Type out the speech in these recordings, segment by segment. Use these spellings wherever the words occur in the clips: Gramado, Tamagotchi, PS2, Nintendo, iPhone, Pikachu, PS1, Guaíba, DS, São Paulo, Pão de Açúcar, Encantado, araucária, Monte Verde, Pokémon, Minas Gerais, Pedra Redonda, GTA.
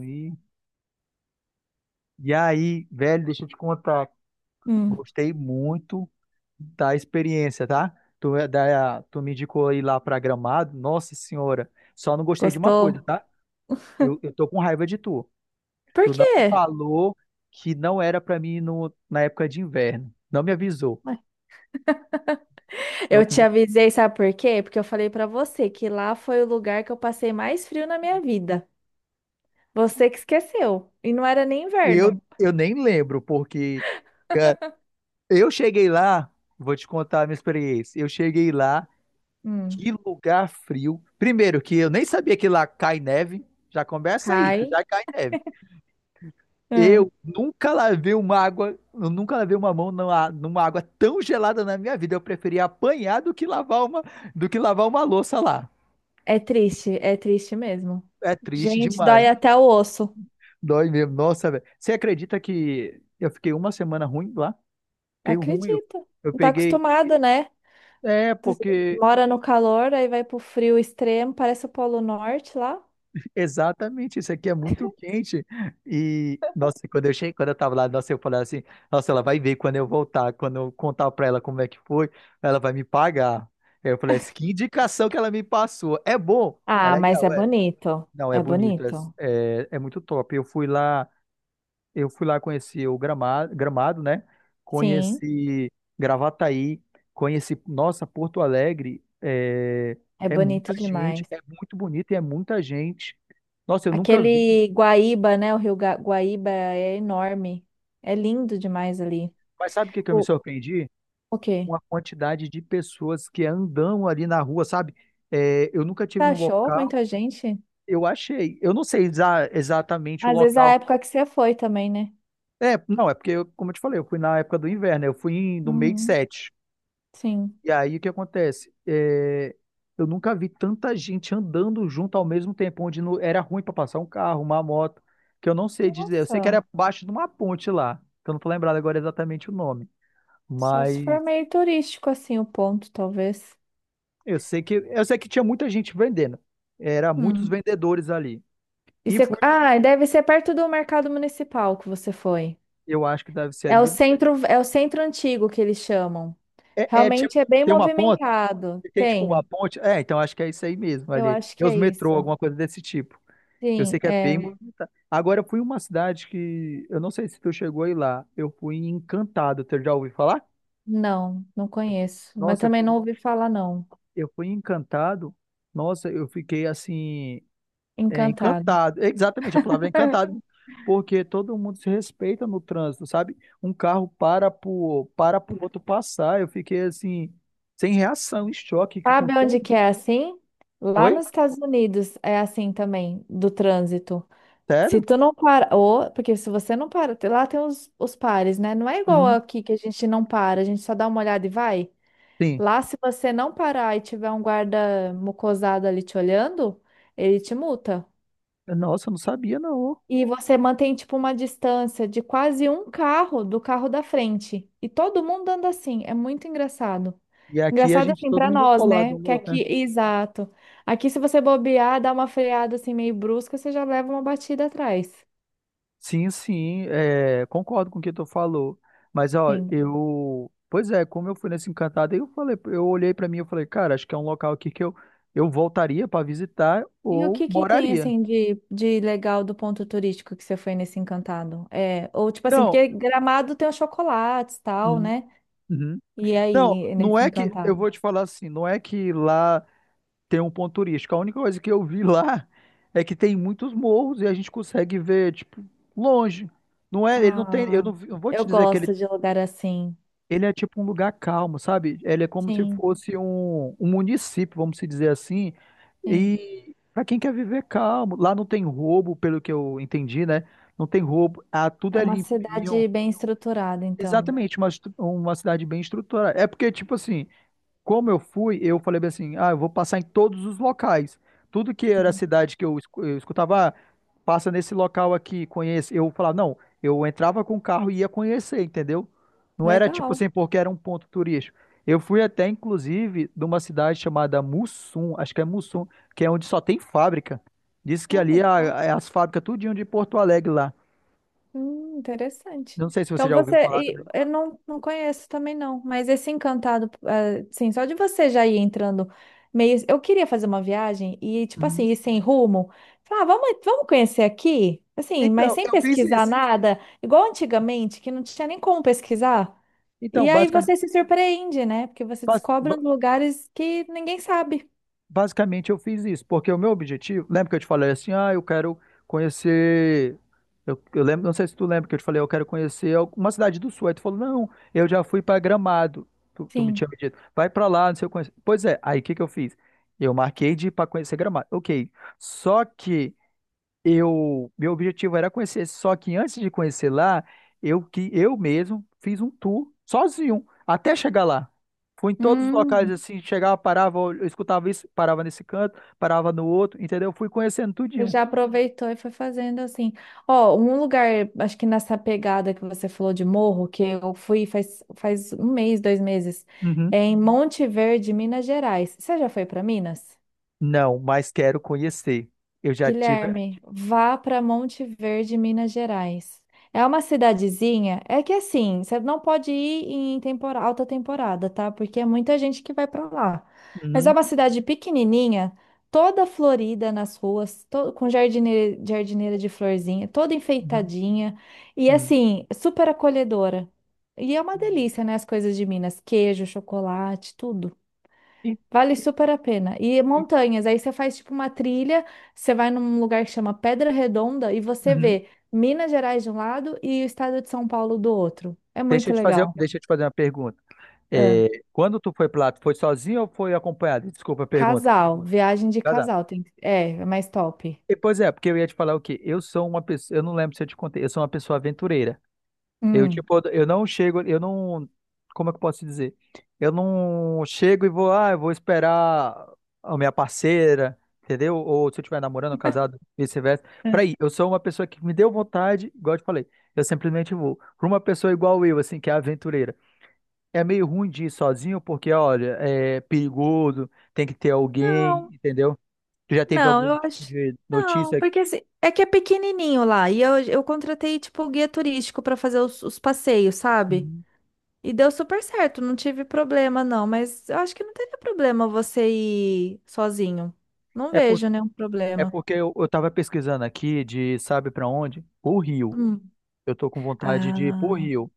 E, e aí, velho, deixa eu te contar. Hum, Gostei muito da experiência, tá? Tu me indicou ir lá pra Gramado. Nossa senhora, só não gostei de uma coisa, Gostou? tá? Eu tô com raiva de tu. Por Tu não me quê? falou que não era pra mim ir no, na época de inverno. Não me avisou. Ué, Eu, eu te avisei, sabe por quê? Porque eu falei pra você que lá foi o lugar que eu passei mais frio na minha vida. Você que esqueceu. E não era nem eu, inverno. eu nem lembro, porque cara, eu cheguei lá, vou te contar a minha experiência. Eu cheguei lá. Hum, Que lugar frio. Primeiro, que eu nem sabia que lá cai neve. Já começa aí, que Cai. já cai neve. Hum, Eu nunca lavei uma mão numa água tão gelada na minha vida. Eu preferia apanhar do que lavar uma louça lá. É triste mesmo. É triste Gente, demais. dói até o osso. Dói mesmo. Nossa, velho. Você acredita que eu fiquei uma semana ruim lá? Fiquei ruim. Eu, Acredita. eu Não tá peguei. acostumada, né? É, Tá- porque. Mora no calor, aí vai pro frio extremo, parece o Polo Norte lá. Exatamente, isso aqui é muito quente. E, nossa, quando eu cheguei, quando eu tava lá, nossa, eu falei assim, nossa, ela vai ver quando eu voltar, quando eu contar pra ela como é que foi, ela vai me pagar. Eu falei assim, que indicação que ela me passou. É bom, é Ah, mas legal, é é. bonito. Não, é É bonito, é, bonito. é, é muito top. Eu fui lá. Eu fui lá conhecer o Gramado, Gramado, né? Sim, Conheci Gravataí, conheci, nossa, Porto Alegre. É, é é muita bonito gente, demais. é muito bonito e é muita gente. Nossa, eu nunca vi. Aquele Guaíba, né? O Rio Guaíba é enorme. É lindo demais ali. Mas sabe o que que eu me O, surpreendi? o quê? Uma quantidade de pessoas que andam ali na rua, sabe? É, eu nunca Você tive num achou local, muita gente? eu achei. Eu não sei exatamente o Às vezes a local. época que você foi também, né? É, não, é porque, como eu te falei, eu fui na época do inverno, eu fui no mês Uhum, 7. sim. E aí o que acontece? É, eu nunca vi tanta gente andando junto ao mesmo tempo, onde era ruim para passar um carro, uma moto, que eu não sei dizer. Eu sei que Nossa, era abaixo de uma ponte lá, que eu não tô lembrado agora exatamente o nome, só se for mas meio turístico assim o ponto, talvez. eu sei que tinha muita gente vendendo. Era muitos Hum. vendedores ali. E fui, Ah, e deve ser perto do mercado municipal que você foi. eu acho que deve ser É o ali. centro, é o centro antigo que eles chamam. É, é tipo, Realmente é bem tem uma ponte, movimentado. tem tipo uma Tem. ponte. É, então acho que é isso aí mesmo Eu ali. acho Tem que os é isso. metrô, alguma coisa desse tipo. Eu Sim, sei que é é. bem movimentado. Agora, eu fui em uma cidade que. Eu não sei se tu chegou aí lá. Eu fui em Encantado. Tu já ouviu falar? Não, não conheço, mas Nossa, eu também não fui, ouvi falar, não. eu fui em encantado. Nossa, eu fiquei assim. É, Encantado. encantado. Exatamente, a palavra é encantado. Porque todo mundo se respeita no trânsito, sabe? Um carro para pro outro passar. Eu fiquei assim. Sem reação, em choque com Sabe onde tudo. que é assim? Lá Oi? nos Estados Unidos é assim também, do trânsito. Se Sério? tu não para, ou, porque se você não para, lá tem os pares, né? Não é igual Uhum. aqui que a gente não para, a gente só dá uma olhada e vai. Sim. Lá, se você não parar e tiver um guarda mucosado ali te olhando, ele te multa. Nossa, eu não sabia, não. E você mantém tipo uma distância de quase um carro do carro da frente. E todo mundo anda assim, é muito engraçado. E aqui a Engraçado gente, assim todo para mundo nós, colado né? um no Que outro, né? aqui, exato. Aqui se você bobear, dar uma freada assim meio brusca, você já leva uma batida atrás. Sim, sim, é, concordo com o que tu falou. Mas, ó, Sim. eu. Pois é, como eu fui nesse encantado, aí eu falei, eu olhei pra mim e falei, cara, acho que é um local aqui que eu voltaria pra visitar E o ou que que tem moraria. assim de legal do ponto turístico que você foi nesse Encantado? É, ou tipo assim, Não, porque Gramado tem os chocolates, tal, uhum, né? uhum. E Não, aí, não nesse é que. Eu Encantado? vou te falar assim, não é que lá tem um ponto turístico. A única coisa que eu vi lá é que tem muitos morros e a gente consegue ver, tipo, longe. Não é, ele não tem. Eu Ah, não, vi- Eu vou eu te dizer que ele. gosto de lugar assim. Ele é tipo um lugar calmo, sabe? Ele é como se Sim. fosse um município, vamos se dizer assim. Sim. E para quem quer viver calmo, lá não tem roubo, pelo que eu entendi, né? Não tem roubo, ah, tudo É é uma limpinho. cidade bem estruturada, então. Exatamente, uma cidade bem estruturada. É porque, tipo assim, como eu fui, eu falei bem assim, ah, eu vou passar em todos os locais. Tudo que era Sim. cidade que eu escutava, ah, passa nesse local aqui, conhece. Eu falava, não, eu entrava com o carro e ia conhecer, entendeu? Não era tipo Legal. assim, porque era um ponto turístico. Eu fui até, inclusive, de uma cidade chamada Mussum, acho que é Mussum, que é onde só tem fábrica. Diz que Olha ali só. é as fábricas tudinho de Porto Alegre lá. Interessante. Não sei se você Então já ouviu você. falar E também. Eu não, não conheço também, não. Mas esse encantado, sim, só de você já ir entrando meio. Eu queria fazer uma viagem e, tipo assim, Uhum. ir sem rumo. Falar, ah, vamos, vamos conhecer aqui? Assim, mas Então, sem eu fiz pesquisar isso. nada, igual antigamente, que não tinha nem como pesquisar. Então, E aí basicamente, você se surpreende, né? Porque você descobre uns lugares que ninguém sabe. basicamente eu fiz isso, porque o meu objetivo, lembra que eu te falei assim, ah, eu quero conhecer, eu lembro, não sei se tu lembra que eu te falei, eu quero conhecer uma cidade do sul, aí tu falou, não, eu já fui para Gramado, tu me Sim. tinha dito, vai para lá, não sei o que, pois é, aí o que que eu fiz? Eu marquei de ir para conhecer Gramado, ok, só que meu objetivo era conhecer, só que antes de conhecer lá, eu que eu mesmo fiz um tour sozinho até chegar lá. Fui em todos os locais Hum. assim, chegava, parava, eu escutava isso, parava nesse canto, parava no outro, entendeu? Fui conhecendo Ele tudinho. Já aproveitou e foi fazendo assim. Ó, um lugar, acho que nessa pegada que você falou de morro, que eu fui faz um mês, dois meses, Uhum. é em Monte Verde, Minas Gerais. Você já foi para Minas? Não, mas quero conhecer. Eu já tive. Guilherme, vá para Monte Verde, Minas Gerais. É uma cidadezinha, é que assim, você não pode ir em alta temporada, tá? Porque é muita gente que vai para lá. Mas é Uhum, uma cidade pequenininha, toda florida nas ruas, com jardineira, de florzinha, toda uhum, enfeitadinha e uhum. assim, super acolhedora. E é uma delícia, né? As coisas de Minas, queijo, chocolate, tudo. E- Vale e- super a pena. E e- montanhas, aí você faz tipo uma trilha, você vai num lugar que chama Pedra Redonda e você uhum. vê Minas Gerais de um lado e o estado de São Paulo do outro. É Deixa muito eu te fazer, legal. deixa eu te fazer uma pergunta. Ah, É, quando tu foi para lá, tu foi sozinho ou foi acompanhado? Desculpa a pergunta. casal, viagem de Tá, tá. casal, é mais top. Pois é, porque eu ia te falar o quê? Eu sou uma pessoa, eu não lembro se eu te contei, eu sou uma pessoa aventureira. Eu, Hum. tipo, eu não chego, eu não, como é que eu posso dizer? Eu não chego e vou, ah, eu vou esperar a minha parceira, entendeu? Ou se eu estiver namorando, casado, vice-versa. Ah. Pra ir, eu sou uma pessoa que me deu vontade, igual eu te falei, eu simplesmente vou. Pra uma pessoa igual eu, assim, que é aventureira. É meio ruim de ir sozinho, porque, olha, é perigoso, tem que ter alguém, Não, entendeu? Tu já teve não, algum eu tipo acho que de não, notícia? porque assim, é que é pequenininho lá e eu contratei tipo o guia turístico para fazer os passeios, sabe? Uhum. E deu super certo, não tive problema não, mas eu acho que não teria problema você ir sozinho. Não É, por, vejo nenhum é problema. porque eu tava pesquisando aqui de sabe pra onde? O Rio. Hum. Eu tô com vontade de ir pro Ah, Rio.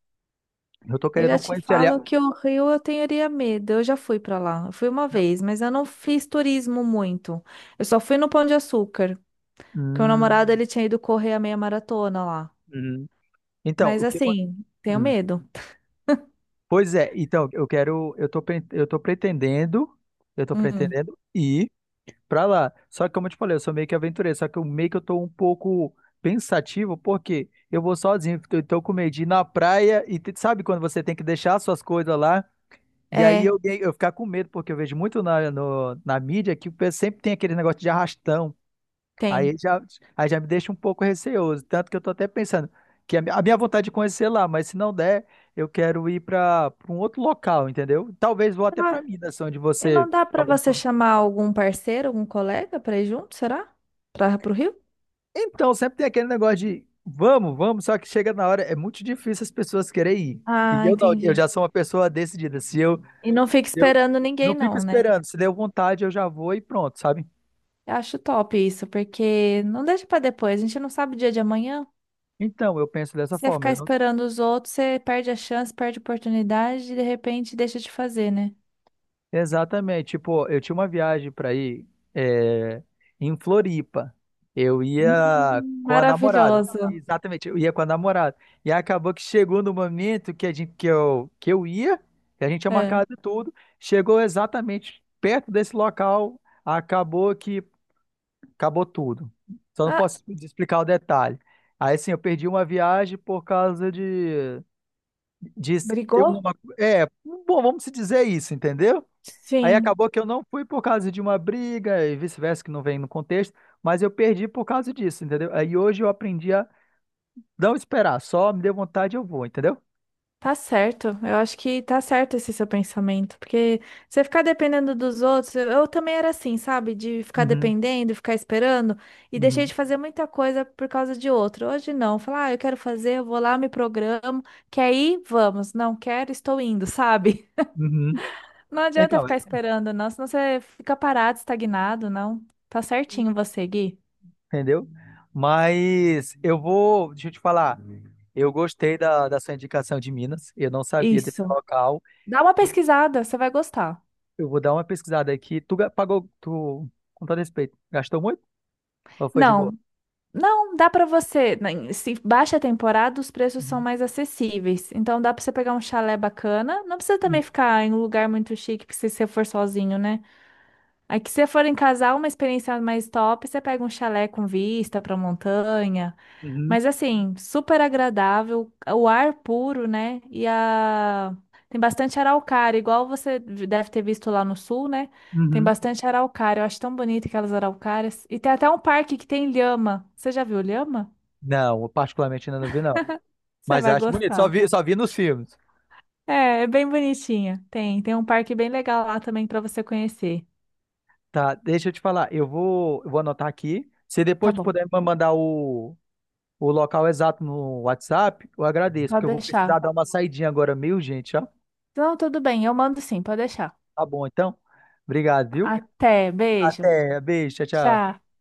Eu tô eu querendo já te conhecer ali. Falo que o Rio eu teria medo. Eu já fui pra lá. Eu fui uma vez, mas eu não fiz turismo muito. Eu só fui no Pão de Açúcar, porque o namorado Hum, ele tinha ido correr a meia maratona lá. hum. Então, Mas o que. Assim, tenho Hum. medo. Pois é, então, eu quero. Eu tô pretendendo. Eu tô Hum. pretendendo ir pra lá. Só que, como eu te falei, eu sou meio que aventureiro. Só que eu meio que eu tô um pouco pensativo, porque eu vou sozinho. Eu tô com medo de ir na praia e sabe quando você tem que deixar suas coisas lá? E aí É, eu ficar com medo, porque eu vejo muito na, no- na mídia que o pessoal sempre tem aquele negócio de arrastão. tem. Aí já, aí já me deixa um pouco receoso. Tanto que eu tô até pensando que a minha vontade de conhecer lá, mas se não der, eu quero ir para um outro local, entendeu? Talvez vou até para Ah, Minas, onde e você não dá pra acabou de você falar. chamar algum parceiro, algum colega pra ir junto, será? Para pro Rio? Então, sempre tem aquele negócio de vamos, vamos, só que chega na hora, é muito difícil as pessoas querem ir. E Ah, eu, não, eu entendi. já sou uma pessoa decidida. Se eu, E não fica eu esperando não ninguém, fico não, né? esperando, se deu vontade, eu já vou e pronto, sabe? Eu acho top isso, porque não deixa pra depois, a gente não sabe o dia de amanhã. Então, eu penso dessa Se você forma. ficar Eu não- esperando os outros, você perde a chance, perde a oportunidade e de repente deixa de fazer, né? Exatamente. Tipo, eu tinha uma viagem para ir é, em Floripa. Eu ia com a namorada. Maravilhosa. Exatamente, eu ia com a namorada. E acabou que chegou no momento que, a gente, que eu ia, que a gente tinha É. marcado tudo. Chegou exatamente perto desse local, acabou que acabou tudo. Só não Ah, posso explicar o detalhe. Aí, assim, eu perdi uma viagem por causa de ter brigou? uma. É, bom, vamos se dizer isso, entendeu? Aí Sim. acabou que eu não fui por causa de uma briga e vice-versa, que não vem no contexto, mas eu perdi por causa disso, entendeu? Aí hoje eu aprendi a não esperar, só me deu vontade eu vou, entendeu? Tá certo, eu acho que tá certo esse seu pensamento, porque você ficar dependendo dos outros, eu também era assim, sabe? De ficar Uhum, dependendo, ficar esperando, e deixei uhum. de fazer muita coisa por causa de outro. Hoje não, falar, ah, eu quero fazer, eu vou lá, me programo, quer ir? Vamos, não quero, estou indo, sabe? Uhum. Não adianta Então, ficar esperando, não, senão você fica parado, estagnado, não. Tá certinho você, Gui. entendeu? Mas eu vou, deixa eu te falar, eu gostei da sua indicação de Minas, eu não sabia desse Isso. local, Dá uma pesquisada, você vai gostar. eu vou dar uma pesquisada aqui. Tu pagou, tu, com todo respeito, gastou muito ou foi de boa? Não, não, dá pra você. Se baixa a temporada, os preços são Uhum. mais acessíveis. Então dá pra você pegar um chalé bacana. Não precisa também ficar em um lugar muito chique, porque se você for sozinho, né? Aí que se você for em casal, uma experiência mais top, você pega um chalé com vista pra montanha. Uhum, Mas assim, super agradável, o ar puro, né? Tem bastante araucária, igual você deve ter visto lá no sul, né? Tem uhum. bastante araucária, eu acho tão bonito aquelas araucárias. E tem até um parque que tem lhama. Você já viu lhama? Não, eu particularmente ainda não vi, não. Você Mas vai acho bonito. Só gostar. vi, só vi nos filmes. É, é bem bonitinha. Tem um parque bem legal lá também pra você conhecer. Tá, deixa eu te falar. Eu vou anotar aqui. Se Tá depois tu bom, puder me mandar o local exato no WhatsApp, eu agradeço, porque pode eu vou precisar deixar. dar uma saidinha agora meio, gente, ó. Não, tudo bem, eu mando sim, pode deixar. Tá bom, então. Obrigado, viu? Até, beijo. Até. Beijo, tchau, tchau. Tchau.